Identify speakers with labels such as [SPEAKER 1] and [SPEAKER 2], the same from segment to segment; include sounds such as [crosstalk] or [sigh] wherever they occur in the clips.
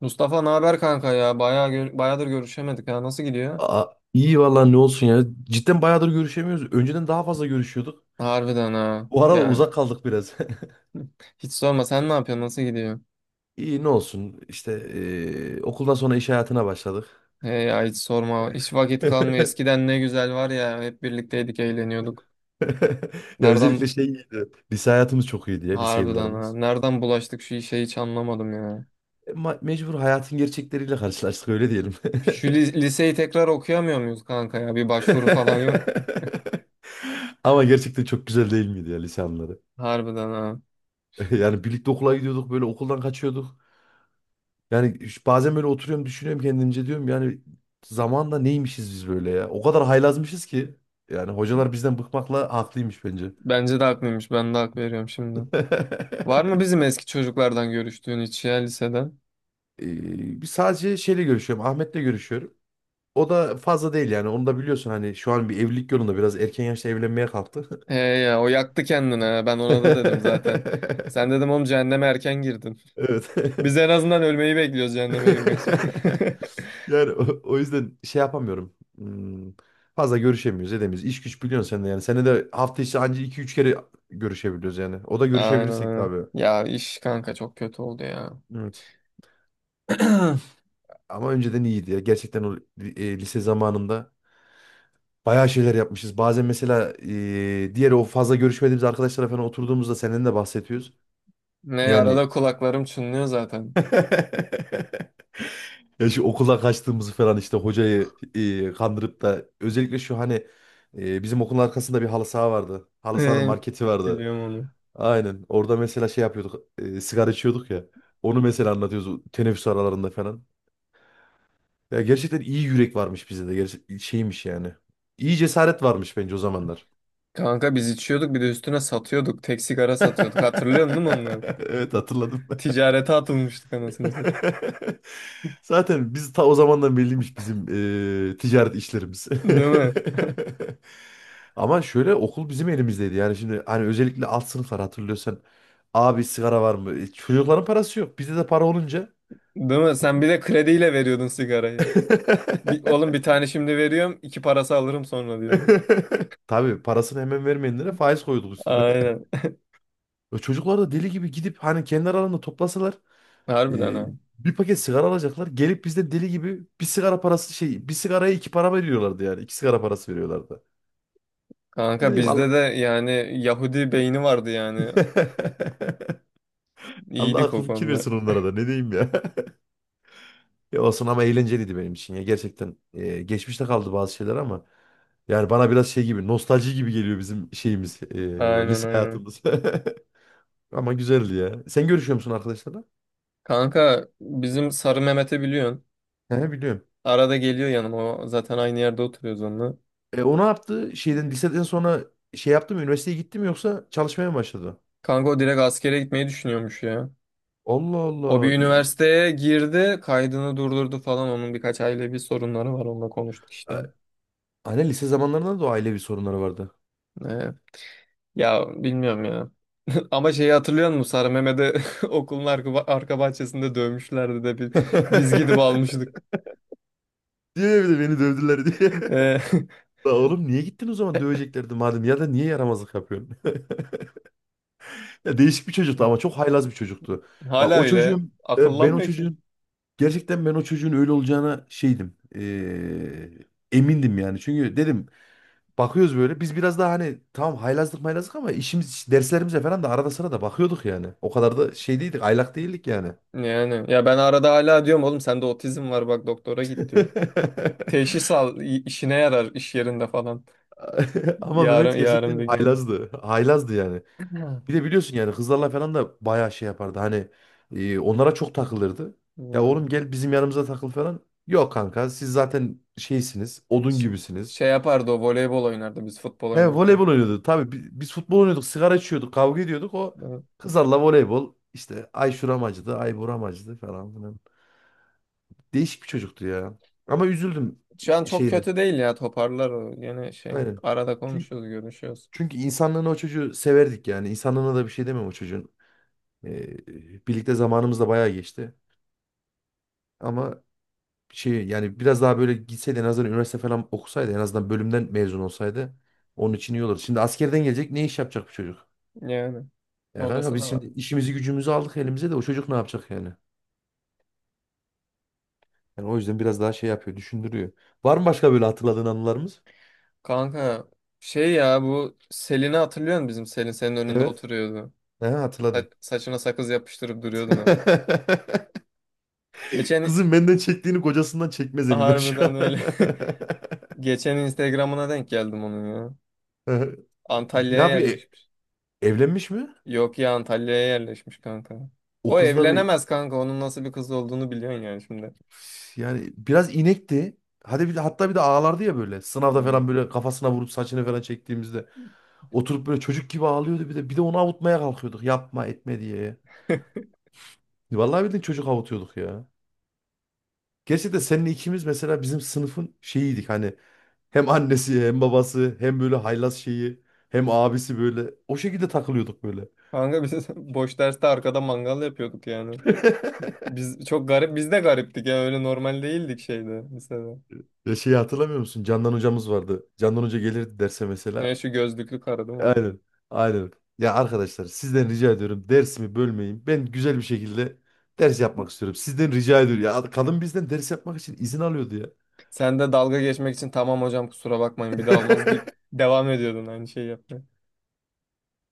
[SPEAKER 1] Mustafa ne haber kanka ya? Bayağıdır görüşemedik ha. Nasıl gidiyor?
[SPEAKER 2] Aa, iyi vallahi ne olsun ya. Cidden bayağıdır görüşemiyoruz. Önceden daha fazla görüşüyorduk.
[SPEAKER 1] Harbiden ha.
[SPEAKER 2] Bu arada
[SPEAKER 1] Yani
[SPEAKER 2] uzak kaldık biraz. [laughs]
[SPEAKER 1] hiç sorma, sen ne yapıyorsun? Nasıl gidiyor?
[SPEAKER 2] İyi ne olsun. İşte okuldan sonra iş hayatına başladık.
[SPEAKER 1] He ya hiç sorma. Hiç vakit kalmıyor.
[SPEAKER 2] [laughs]
[SPEAKER 1] Eskiden ne güzel var ya. Hep birlikteydik, eğleniyorduk.
[SPEAKER 2] Ya özellikle
[SPEAKER 1] Nereden
[SPEAKER 2] şey iyiydi. Lise hayatımız çok iyiydi ya lise
[SPEAKER 1] harbiden ha.
[SPEAKER 2] yıllarımız.
[SPEAKER 1] Nereden bulaştık şu işe, hiç anlamadım ya.
[SPEAKER 2] Mecbur hayatın gerçekleriyle karşılaştık öyle diyelim.
[SPEAKER 1] Şu liseyi tekrar okuyamıyor muyuz kanka ya? Bir başvuru falan yok.
[SPEAKER 2] [laughs] Ama gerçekten çok güzel değil miydi ya lise anları?
[SPEAKER 1] Harbiden ha.
[SPEAKER 2] [laughs] Yani birlikte okula gidiyorduk böyle okuldan kaçıyorduk. Bazen böyle oturuyorum düşünüyorum kendimce diyorum yani zamanda neymişiz biz böyle ya. O kadar haylazmışız ki yani hocalar bizden bıkmakla haklıymış bence.
[SPEAKER 1] Bence de haklıymış. Ben de hak veriyorum şimdi. Var mı
[SPEAKER 2] [laughs]
[SPEAKER 1] bizim eski çocuklardan görüştüğün hiç ya, liseden?
[SPEAKER 2] Bir sadece görüşüyorum Ahmet'le görüşüyorum. O da fazla değil yani onu da biliyorsun hani şu an bir evlilik yolunda biraz erken yaşta evlenmeye kalktı.
[SPEAKER 1] He ya, o yaktı kendini ha. Ben ona da dedim zaten. Sen
[SPEAKER 2] [laughs]
[SPEAKER 1] dedim oğlum, cehenneme erken girdin.
[SPEAKER 2] Evet.
[SPEAKER 1] [laughs]
[SPEAKER 2] [laughs]
[SPEAKER 1] Biz en azından ölmeyi bekliyoruz cehenneme girmek için.
[SPEAKER 2] [laughs] Yani o yüzden şey yapamıyorum. Hmm, fazla görüşemiyoruz, edemiyoruz. İş güç biliyorsun sen de yani. Senede de hafta içi anca iki üç kere görüşebiliyoruz yani. O da
[SPEAKER 1] [laughs] Aynen,
[SPEAKER 2] görüşebilirsek de
[SPEAKER 1] aynen.
[SPEAKER 2] abi.
[SPEAKER 1] Ya iş kanka çok kötü oldu ya.
[SPEAKER 2] Evet.
[SPEAKER 1] [clears throat]
[SPEAKER 2] Ama önceden iyiydi ya. Gerçekten lise zamanında bayağı şeyler yapmışız. Bazen mesela diğer o fazla görüşmediğimiz arkadaşlara falan oturduğumuzda senden de bahsediyoruz.
[SPEAKER 1] Ne
[SPEAKER 2] Yani
[SPEAKER 1] arada kulaklarım çınlıyor zaten.
[SPEAKER 2] [laughs] ya şu okula kaçtığımızı falan işte hocayı kandırıp da özellikle şu hani bizim okulun arkasında bir halı saha vardı. Halı sahanın
[SPEAKER 1] Ee,
[SPEAKER 2] marketi vardı.
[SPEAKER 1] Biliyorum onu.
[SPEAKER 2] Aynen. Orada mesela şey yapıyorduk. Sigara içiyorduk ya. Onu mesela anlatıyoruz teneffüs aralarında falan. Ya gerçekten iyi yürek varmış bizde de. Gerçek şeymiş yani. İyi cesaret varmış bence o zamanlar.
[SPEAKER 1] Kanka biz içiyorduk, bir de üstüne satıyorduk. Tek sigara satıyorduk. Hatırlıyorsun değil mi onları?
[SPEAKER 2] [laughs] Evet, hatırladım.
[SPEAKER 1] Ticarete atılmıştık anasını satayım.
[SPEAKER 2] [laughs] Zaten biz ta o zamandan belliymiş bizim ticaret işlerimiz.
[SPEAKER 1] Değil mi?
[SPEAKER 2] [laughs] Ama şöyle okul bizim elimizdeydi. Yani şimdi hani özellikle alt sınıflar hatırlıyorsan abi sigara var mı? E, çocukların parası yok. Bizde de para olunca.
[SPEAKER 1] Değil mi? Sen bir de krediyle veriyordun sigarayı. Bir, oğlum
[SPEAKER 2] [laughs]
[SPEAKER 1] bir tane şimdi veriyorum, iki parası alırım sonra diyordun.
[SPEAKER 2] Tabii parasını hemen vermeyenlere faiz koyduk üstüne. [laughs]
[SPEAKER 1] Aynen.
[SPEAKER 2] Çocuklar da deli gibi gidip hani kendi aralarında toplasalar
[SPEAKER 1] Harbiden
[SPEAKER 2] e,
[SPEAKER 1] ha.
[SPEAKER 2] bir paket sigara alacaklar. Gelip bizden deli gibi bir sigara parası şey bir sigaraya iki para veriyorlardı yani. İki sigara parası veriyorlardı. Ne
[SPEAKER 1] Kanka
[SPEAKER 2] diyeyim Allah.
[SPEAKER 1] bizde de yani Yahudi beyni vardı yani.
[SPEAKER 2] [laughs] Allah
[SPEAKER 1] İyiydik
[SPEAKER 2] akıl
[SPEAKER 1] o
[SPEAKER 2] fikir
[SPEAKER 1] konuda.
[SPEAKER 2] versin onlara da ne diyeyim ya. Ya olsun ama eğlenceliydi benim için ya. Gerçekten geçmişte kaldı bazı şeyler ama yani bana biraz şey gibi nostalji gibi geliyor bizim şeyimiz
[SPEAKER 1] Aynen,
[SPEAKER 2] lise
[SPEAKER 1] aynen.
[SPEAKER 2] hayatımız. [laughs] Ama güzeldi ya. Sen görüşüyor musun arkadaşlarla?
[SPEAKER 1] Kanka bizim Sarı Mehmet'i biliyorsun.
[SPEAKER 2] He biliyorum.
[SPEAKER 1] Arada geliyor yanıma. O zaten aynı yerde oturuyoruz onunla.
[SPEAKER 2] E, o ne yaptı? Şeyden liseden sonra şey yaptı mı? Üniversiteye gitti mi yoksa çalışmaya mı başladı?
[SPEAKER 1] Kanka o direkt askere gitmeyi düşünüyormuş ya.
[SPEAKER 2] Allah
[SPEAKER 1] O bir
[SPEAKER 2] Allah.
[SPEAKER 1] üniversiteye girdi. Kaydını durdurdu falan. Onun birkaç ailevi sorunları var. Onunla konuştuk işte.
[SPEAKER 2] A- Anne lise zamanlarında da o ailevi sorunları vardı.
[SPEAKER 1] Ee, ya bilmiyorum ya. [laughs] Ama şeyi hatırlıyor musun? Sarı Mehmet'i [laughs] okulun arka bahçesinde dövmüşlerdi de biz gidip
[SPEAKER 2] [laughs]
[SPEAKER 1] almıştık.
[SPEAKER 2] Diyor ya bir de beni dövdüler diye.
[SPEAKER 1] Ee, [laughs]
[SPEAKER 2] [laughs] La oğlum niye gittin o zaman döveceklerdi madem ya da niye yaramazlık yapıyorsun? Ya değişik bir çocuktu ama çok haylaz bir çocuktu. Bak
[SPEAKER 1] hala
[SPEAKER 2] o
[SPEAKER 1] öyle.
[SPEAKER 2] çocuğun e, ben
[SPEAKER 1] Akıllanmıyor ki.
[SPEAKER 2] o çocuğun öyle olacağına şeydim. Emindim yani. Çünkü dedim bakıyoruz böyle biz biraz daha hani tamam haylazlık maylazlık ama işimiz derslerimize falan da arada sırada bakıyorduk yani. O kadar da şey değildik aylak değildik yani.
[SPEAKER 1] Yani ya ben arada hala diyorum oğlum sende otizm var bak doktora git diyor.
[SPEAKER 2] [laughs]
[SPEAKER 1] Teşhis al, işine yarar iş yerinde falan.
[SPEAKER 2] Ama
[SPEAKER 1] Yarın
[SPEAKER 2] Mehmet
[SPEAKER 1] yarın bir
[SPEAKER 2] gerçekten
[SPEAKER 1] gün.
[SPEAKER 2] haylazdı. Haylazdı yani.
[SPEAKER 1] Hı.
[SPEAKER 2] Bir de biliyorsun yani kızlarla falan da bayağı şey yapardı. Hani onlara çok takılırdı. Ya
[SPEAKER 1] Hmm.
[SPEAKER 2] oğlum gel bizim yanımıza takıl falan. Yok kanka siz zaten şeysiniz. Odun
[SPEAKER 1] Ş-
[SPEAKER 2] gibisiniz.
[SPEAKER 1] Şey yapardı, o voleybol oynardı biz futbol
[SPEAKER 2] He
[SPEAKER 1] oynarken.
[SPEAKER 2] voleybol oynuyordu. Tabii biz futbol oynuyorduk. Sigara içiyorduk. Kavga ediyorduk. O
[SPEAKER 1] Evet.
[SPEAKER 2] kızlarla voleybol. İşte ay şuram acıdı. Ay buram acıdı falan filan. Değişik bir çocuktu ya. Ama üzüldüm
[SPEAKER 1] Şu an çok
[SPEAKER 2] şeyini.
[SPEAKER 1] kötü değil ya, toparlar o. Yine şey,
[SPEAKER 2] Aynen.
[SPEAKER 1] arada
[SPEAKER 2] Çünkü,
[SPEAKER 1] konuşuyoruz, görüşüyoruz.
[SPEAKER 2] Çünkü insanlığını o çocuğu severdik yani. İnsanlığına da bir şey demem o çocuğun. E, birlikte zamanımız da bayağı geçti. Ama şey yani biraz daha böyle gitseydi en azından üniversite falan okusaydı en azından bölümden mezun olsaydı onun için iyi olur. Şimdi askerden gelecek ne iş yapacak bu çocuk?
[SPEAKER 1] Yani
[SPEAKER 2] Ya kanka
[SPEAKER 1] orası
[SPEAKER 2] biz
[SPEAKER 1] da var.
[SPEAKER 2] şimdi işimizi gücümüzü aldık elimize de o çocuk ne yapacak yani? Yani o yüzden biraz daha şey yapıyor, düşündürüyor. Var mı başka böyle hatırladığın anılarımız?
[SPEAKER 1] Kanka şey ya, bu Selin'i hatırlıyor musun, bizim Selin senin önünde
[SPEAKER 2] Evet.
[SPEAKER 1] oturuyordu.
[SPEAKER 2] He, hatırladım.
[SPEAKER 1] Saçına sakız yapıştırıp duruyordun.
[SPEAKER 2] [laughs]
[SPEAKER 1] Geçen
[SPEAKER 2] Kızım benden çektiğini kocasından çekmez emin ol şu
[SPEAKER 1] Harbiden
[SPEAKER 2] an. [laughs]
[SPEAKER 1] öyle. [laughs] Geçen Instagram'ına denk geldim onun ya.
[SPEAKER 2] Ne
[SPEAKER 1] Antalya'ya
[SPEAKER 2] yapıyor?
[SPEAKER 1] yerleşmiş.
[SPEAKER 2] Evlenmiş mi?
[SPEAKER 1] Yok ya, Antalya'ya yerleşmiş kanka.
[SPEAKER 2] O
[SPEAKER 1] O
[SPEAKER 2] kızla bir
[SPEAKER 1] evlenemez kanka. Onun nasıl bir kız olduğunu biliyorsun yani şimdi.
[SPEAKER 2] yani biraz inekti. Hadi bir de ağlardı ya böyle. Sınavda
[SPEAKER 1] Hmm.
[SPEAKER 2] falan böyle kafasına vurup saçını falan çektiğimizde oturup böyle çocuk gibi ağlıyordu bir de. Bir de onu avutmaya kalkıyorduk. Yapma etme diye.
[SPEAKER 1] [laughs]
[SPEAKER 2] Vallahi bildiğin çocuk avutuyorduk ya. Gerçi de seninle ikimiz mesela bizim sınıfın şeyiydik hani hem annesi hem babası hem böyle haylaz şeyi hem abisi böyle o şekilde takılıyorduk böyle.
[SPEAKER 1] Kanka biz [laughs] boş derste arkada mangal yapıyorduk yani.
[SPEAKER 2] [laughs]
[SPEAKER 1] Biz de gariptik ya, öyle normal değildik şeyde, lisede.
[SPEAKER 2] Ya şeyi hatırlamıyor musun? Candan hocamız vardı. Candan hoca gelirdi derse
[SPEAKER 1] Ne,
[SPEAKER 2] mesela.
[SPEAKER 1] şu gözlüklü karı değil mi?
[SPEAKER 2] Aynen. Aynen. Ya arkadaşlar sizden rica ediyorum dersimi bölmeyin. Ben güzel bir şekilde ders yapmak istiyorum. Sizden rica ediyorum. Ya kadın bizden ders yapmak için izin alıyordu ya.
[SPEAKER 1] Sen de dalga geçmek için tamam hocam kusura bakmayın bir daha olmaz
[SPEAKER 2] [laughs]
[SPEAKER 1] deyip devam ediyordun aynı şeyi yapmaya.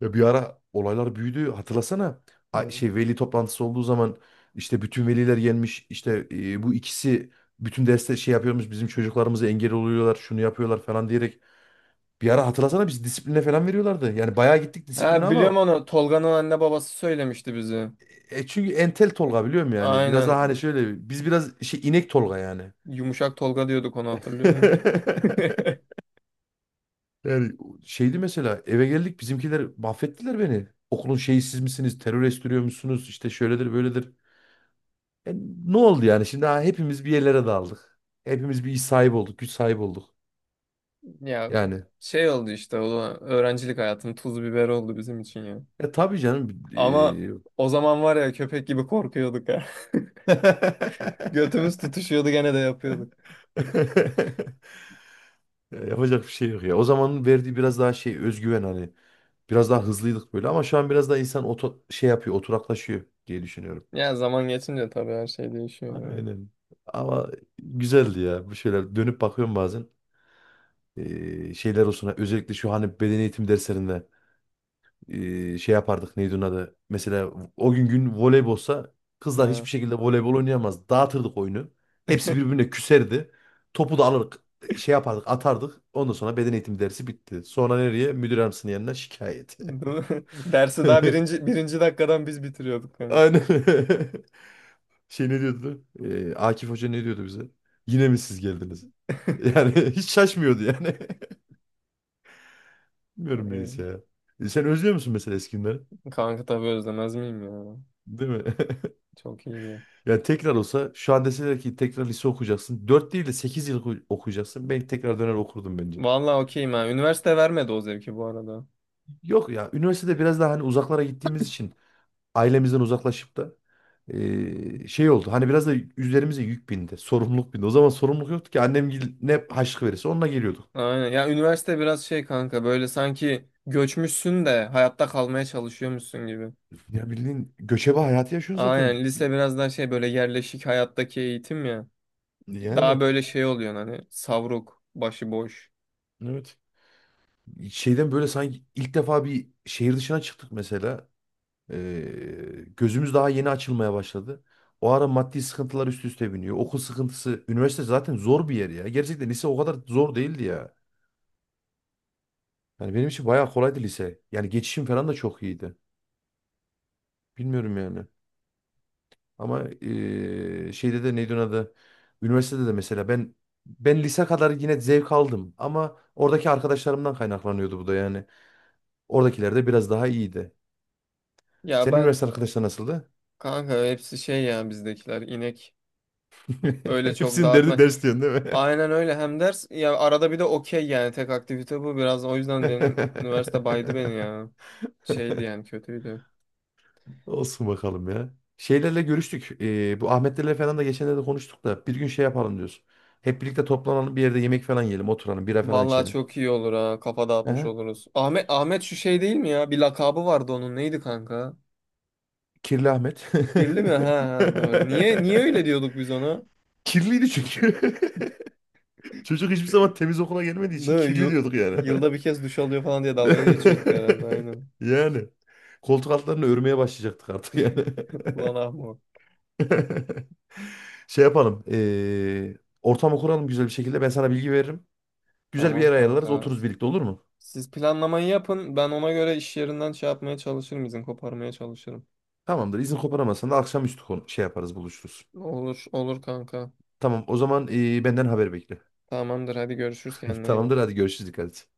[SPEAKER 2] Ya bir ara olaylar büyüdü. Hatırlasana.
[SPEAKER 1] Hmm.
[SPEAKER 2] Veli toplantısı olduğu zaman işte bütün veliler gelmiş. İşte bu ikisi bütün derste şey yapıyormuş. Bizim çocuklarımıza engel oluyorlar. Şunu yapıyorlar falan diyerek. Bir ara hatırlasana biz disipline falan veriyorlardı. Yani bayağı gittik disipline
[SPEAKER 1] Ha, biliyorum
[SPEAKER 2] ama
[SPEAKER 1] onu. Tolga'nın anne babası söylemişti bize.
[SPEAKER 2] çünkü entel Tolga biliyorum yani. Biraz daha
[SPEAKER 1] Aynen.
[SPEAKER 2] hani şöyle biz biraz şey inek Tolga yani.
[SPEAKER 1] Yumuşak Tolga diyorduk, onu hatırlıyor musun?
[SPEAKER 2] [laughs]
[SPEAKER 1] [laughs]
[SPEAKER 2] Yani şeydi mesela eve geldik bizimkiler mahvettiler beni. Okulun şeyi siz misiniz? Terör estiriyor musunuz? İşte şöyledir böyledir. E, ne oldu yani? Şimdi ha, hepimiz bir yerlere daldık. Hepimiz bir iş sahibi olduk. Güç sahibi olduk.
[SPEAKER 1] Ya
[SPEAKER 2] Yani.
[SPEAKER 1] şey oldu işte, o da öğrencilik hayatının tuz biber oldu bizim için ya.
[SPEAKER 2] E tabii canım.
[SPEAKER 1] Ama o zaman var ya, köpek gibi korkuyorduk ha. [laughs]
[SPEAKER 2] [laughs]
[SPEAKER 1] Götümüz tutuşuyordu, gene de yapıyorduk.
[SPEAKER 2] Ya yapacak bir şey yok ya. O zamanın verdiği biraz daha şey özgüven hani. Biraz daha hızlıydık böyle ama şu an biraz daha şey yapıyor, oturaklaşıyor diye düşünüyorum.
[SPEAKER 1] Ya zaman geçince tabii her şey değişiyor böyle.
[SPEAKER 2] Aynen. Ama güzeldi ya. Bu şeyler dönüp bakıyorum bazen. Şeyler olsun. Özellikle şu hani beden eğitim derslerinde şey yapardık neydi onun adı. Mesela o gün voleybolsa kızlar
[SPEAKER 1] Ha.
[SPEAKER 2] hiçbir şekilde voleybol oynayamaz. Dağıtırdık oyunu. Hepsi
[SPEAKER 1] [laughs]
[SPEAKER 2] birbirine küserdi. Topu da alırdık. Şey yapardık atardık. Ondan sonra beden eğitim dersi bitti. Sonra nereye? Müdür yardımcısının yanına şikayet.
[SPEAKER 1] Değil mi? Dersi daha birinci,
[SPEAKER 2] [laughs]
[SPEAKER 1] birinci dakikadan biz bitiriyorduk kanka.
[SPEAKER 2] Aynen. [laughs] Şey ne diyordu? Akif Hoca ne diyordu bize? Yine mi siz geldiniz? Yani [laughs] hiç şaşmıyordu yani. [laughs] Bilmiyorum
[SPEAKER 1] Ay,
[SPEAKER 2] neyse ya. E, sen özlüyor musun mesela eski günleri?
[SPEAKER 1] kanka tabii özlemez miyim ya?
[SPEAKER 2] Değil mi? [laughs]
[SPEAKER 1] Çok iyiydi.
[SPEAKER 2] Yani tekrar olsa şu an deseler ki tekrar lise okuyacaksın, 4 değil de 8 yıl okuyacaksın, ben tekrar döner okurdum bence.
[SPEAKER 1] Vallahi okeyim ha. Üniversite vermedi o zevki bu arada.
[SPEAKER 2] Yok ya üniversitede biraz daha hani uzaklara gittiğimiz için ailemizden uzaklaşıp da şey oldu. Hani biraz da üzerimize yük bindi. Sorumluluk bindi. O zaman sorumluluk yoktu ki ne harçlık verirse onunla geliyorduk.
[SPEAKER 1] Aynen. Ya üniversite biraz şey kanka, böyle sanki göçmüşsün de hayatta kalmaya çalışıyormuşsun gibi.
[SPEAKER 2] Ya bildiğin göçebe hayatı yaşıyorsun zaten.
[SPEAKER 1] Aynen, lise biraz daha şey, böyle yerleşik hayattaki eğitim ya. Daha
[SPEAKER 2] Yani
[SPEAKER 1] böyle şey oluyor hani, savruk, başıboş.
[SPEAKER 2] evet. Şeyden böyle sanki ilk defa bir şehir dışına çıktık mesela. Gözümüz daha yeni açılmaya başladı. O ara maddi sıkıntılar üst üste biniyor. Okul sıkıntısı. Üniversite zaten zor bir yer ya. Gerçekten lise o kadar zor değildi ya. Yani benim için bayağı kolaydı lise. Yani geçişim falan da çok iyiydi. Bilmiyorum yani. Ama şeyde de neydi onun adı? Üniversitede de mesela ben lise kadar yine zevk aldım ama oradaki arkadaşlarımdan kaynaklanıyordu bu da yani. Oradakiler de biraz daha iyiydi.
[SPEAKER 1] Ya
[SPEAKER 2] Senin
[SPEAKER 1] ben
[SPEAKER 2] üniversite arkadaşlar nasıldı?
[SPEAKER 1] Kanka hepsi şey ya, bizdekiler inek.
[SPEAKER 2] [laughs]
[SPEAKER 1] Öyle çok
[SPEAKER 2] Hepsinin derdi
[SPEAKER 1] dağıtma.
[SPEAKER 2] ders diyorsun değil mi?
[SPEAKER 1] Aynen öyle, hem ders ya, arada bir de okey, yani tek aktivite bu biraz, o yüzden benim üniversite baydı beni ya. Şeydi yani, kötüydü.
[SPEAKER 2] [laughs] Olsun bakalım ya. Şeylerle görüştük. Bu Ahmetlerle falan da geçenlerde konuştuk da bir gün şey yapalım diyoruz. Hep birlikte toplanalım bir yerde yemek falan yiyelim, oturalım, bira falan
[SPEAKER 1] Vallahi
[SPEAKER 2] içelim.
[SPEAKER 1] çok iyi olur ha. Kafa dağıtmış
[SPEAKER 2] Aha.
[SPEAKER 1] oluruz. Ahmet şu şey değil mi ya? Bir lakabı vardı onun. Neydi kanka?
[SPEAKER 2] Kirli Ahmet.
[SPEAKER 1] Kirli mi? Ha, ha doğru. Niye öyle
[SPEAKER 2] [laughs]
[SPEAKER 1] diyorduk biz ona?
[SPEAKER 2] Kirliydi çünkü. [laughs] Çocuk hiçbir zaman temiz okula gelmediği için
[SPEAKER 1] Değil mi?
[SPEAKER 2] kirli diyorduk yani.
[SPEAKER 1] Yılda bir kez duş alıyor falan diye dalga geçiyorduk herhalde,
[SPEAKER 2] [laughs]
[SPEAKER 1] aynen.
[SPEAKER 2] Yani. Koltuk altlarını örmeye başlayacaktık artık yani.
[SPEAKER 1] [laughs] Ulan Ahmet.
[SPEAKER 2] [laughs] Şey yapalım. Ortamı kuralım güzel bir şekilde. Ben sana bilgi veririm. Güzel bir
[SPEAKER 1] Tamam
[SPEAKER 2] yer ayarlarız.
[SPEAKER 1] kanka.
[SPEAKER 2] Otururuz birlikte olur mu?
[SPEAKER 1] Siz planlamayı yapın. Ben ona göre iş yerinden şey yapmaya çalışırım, izin koparmaya çalışırım.
[SPEAKER 2] Tamamdır. İzin koparamazsan da akşamüstü konu şey yaparız buluşuruz.
[SPEAKER 1] Olur olur kanka.
[SPEAKER 2] Tamam o zaman benden haber bekle.
[SPEAKER 1] Tamamdır, hadi görüşürüz,
[SPEAKER 2] [laughs]
[SPEAKER 1] kendine iyi
[SPEAKER 2] Tamamdır
[SPEAKER 1] bak.
[SPEAKER 2] hadi görüşürüz dikkat et.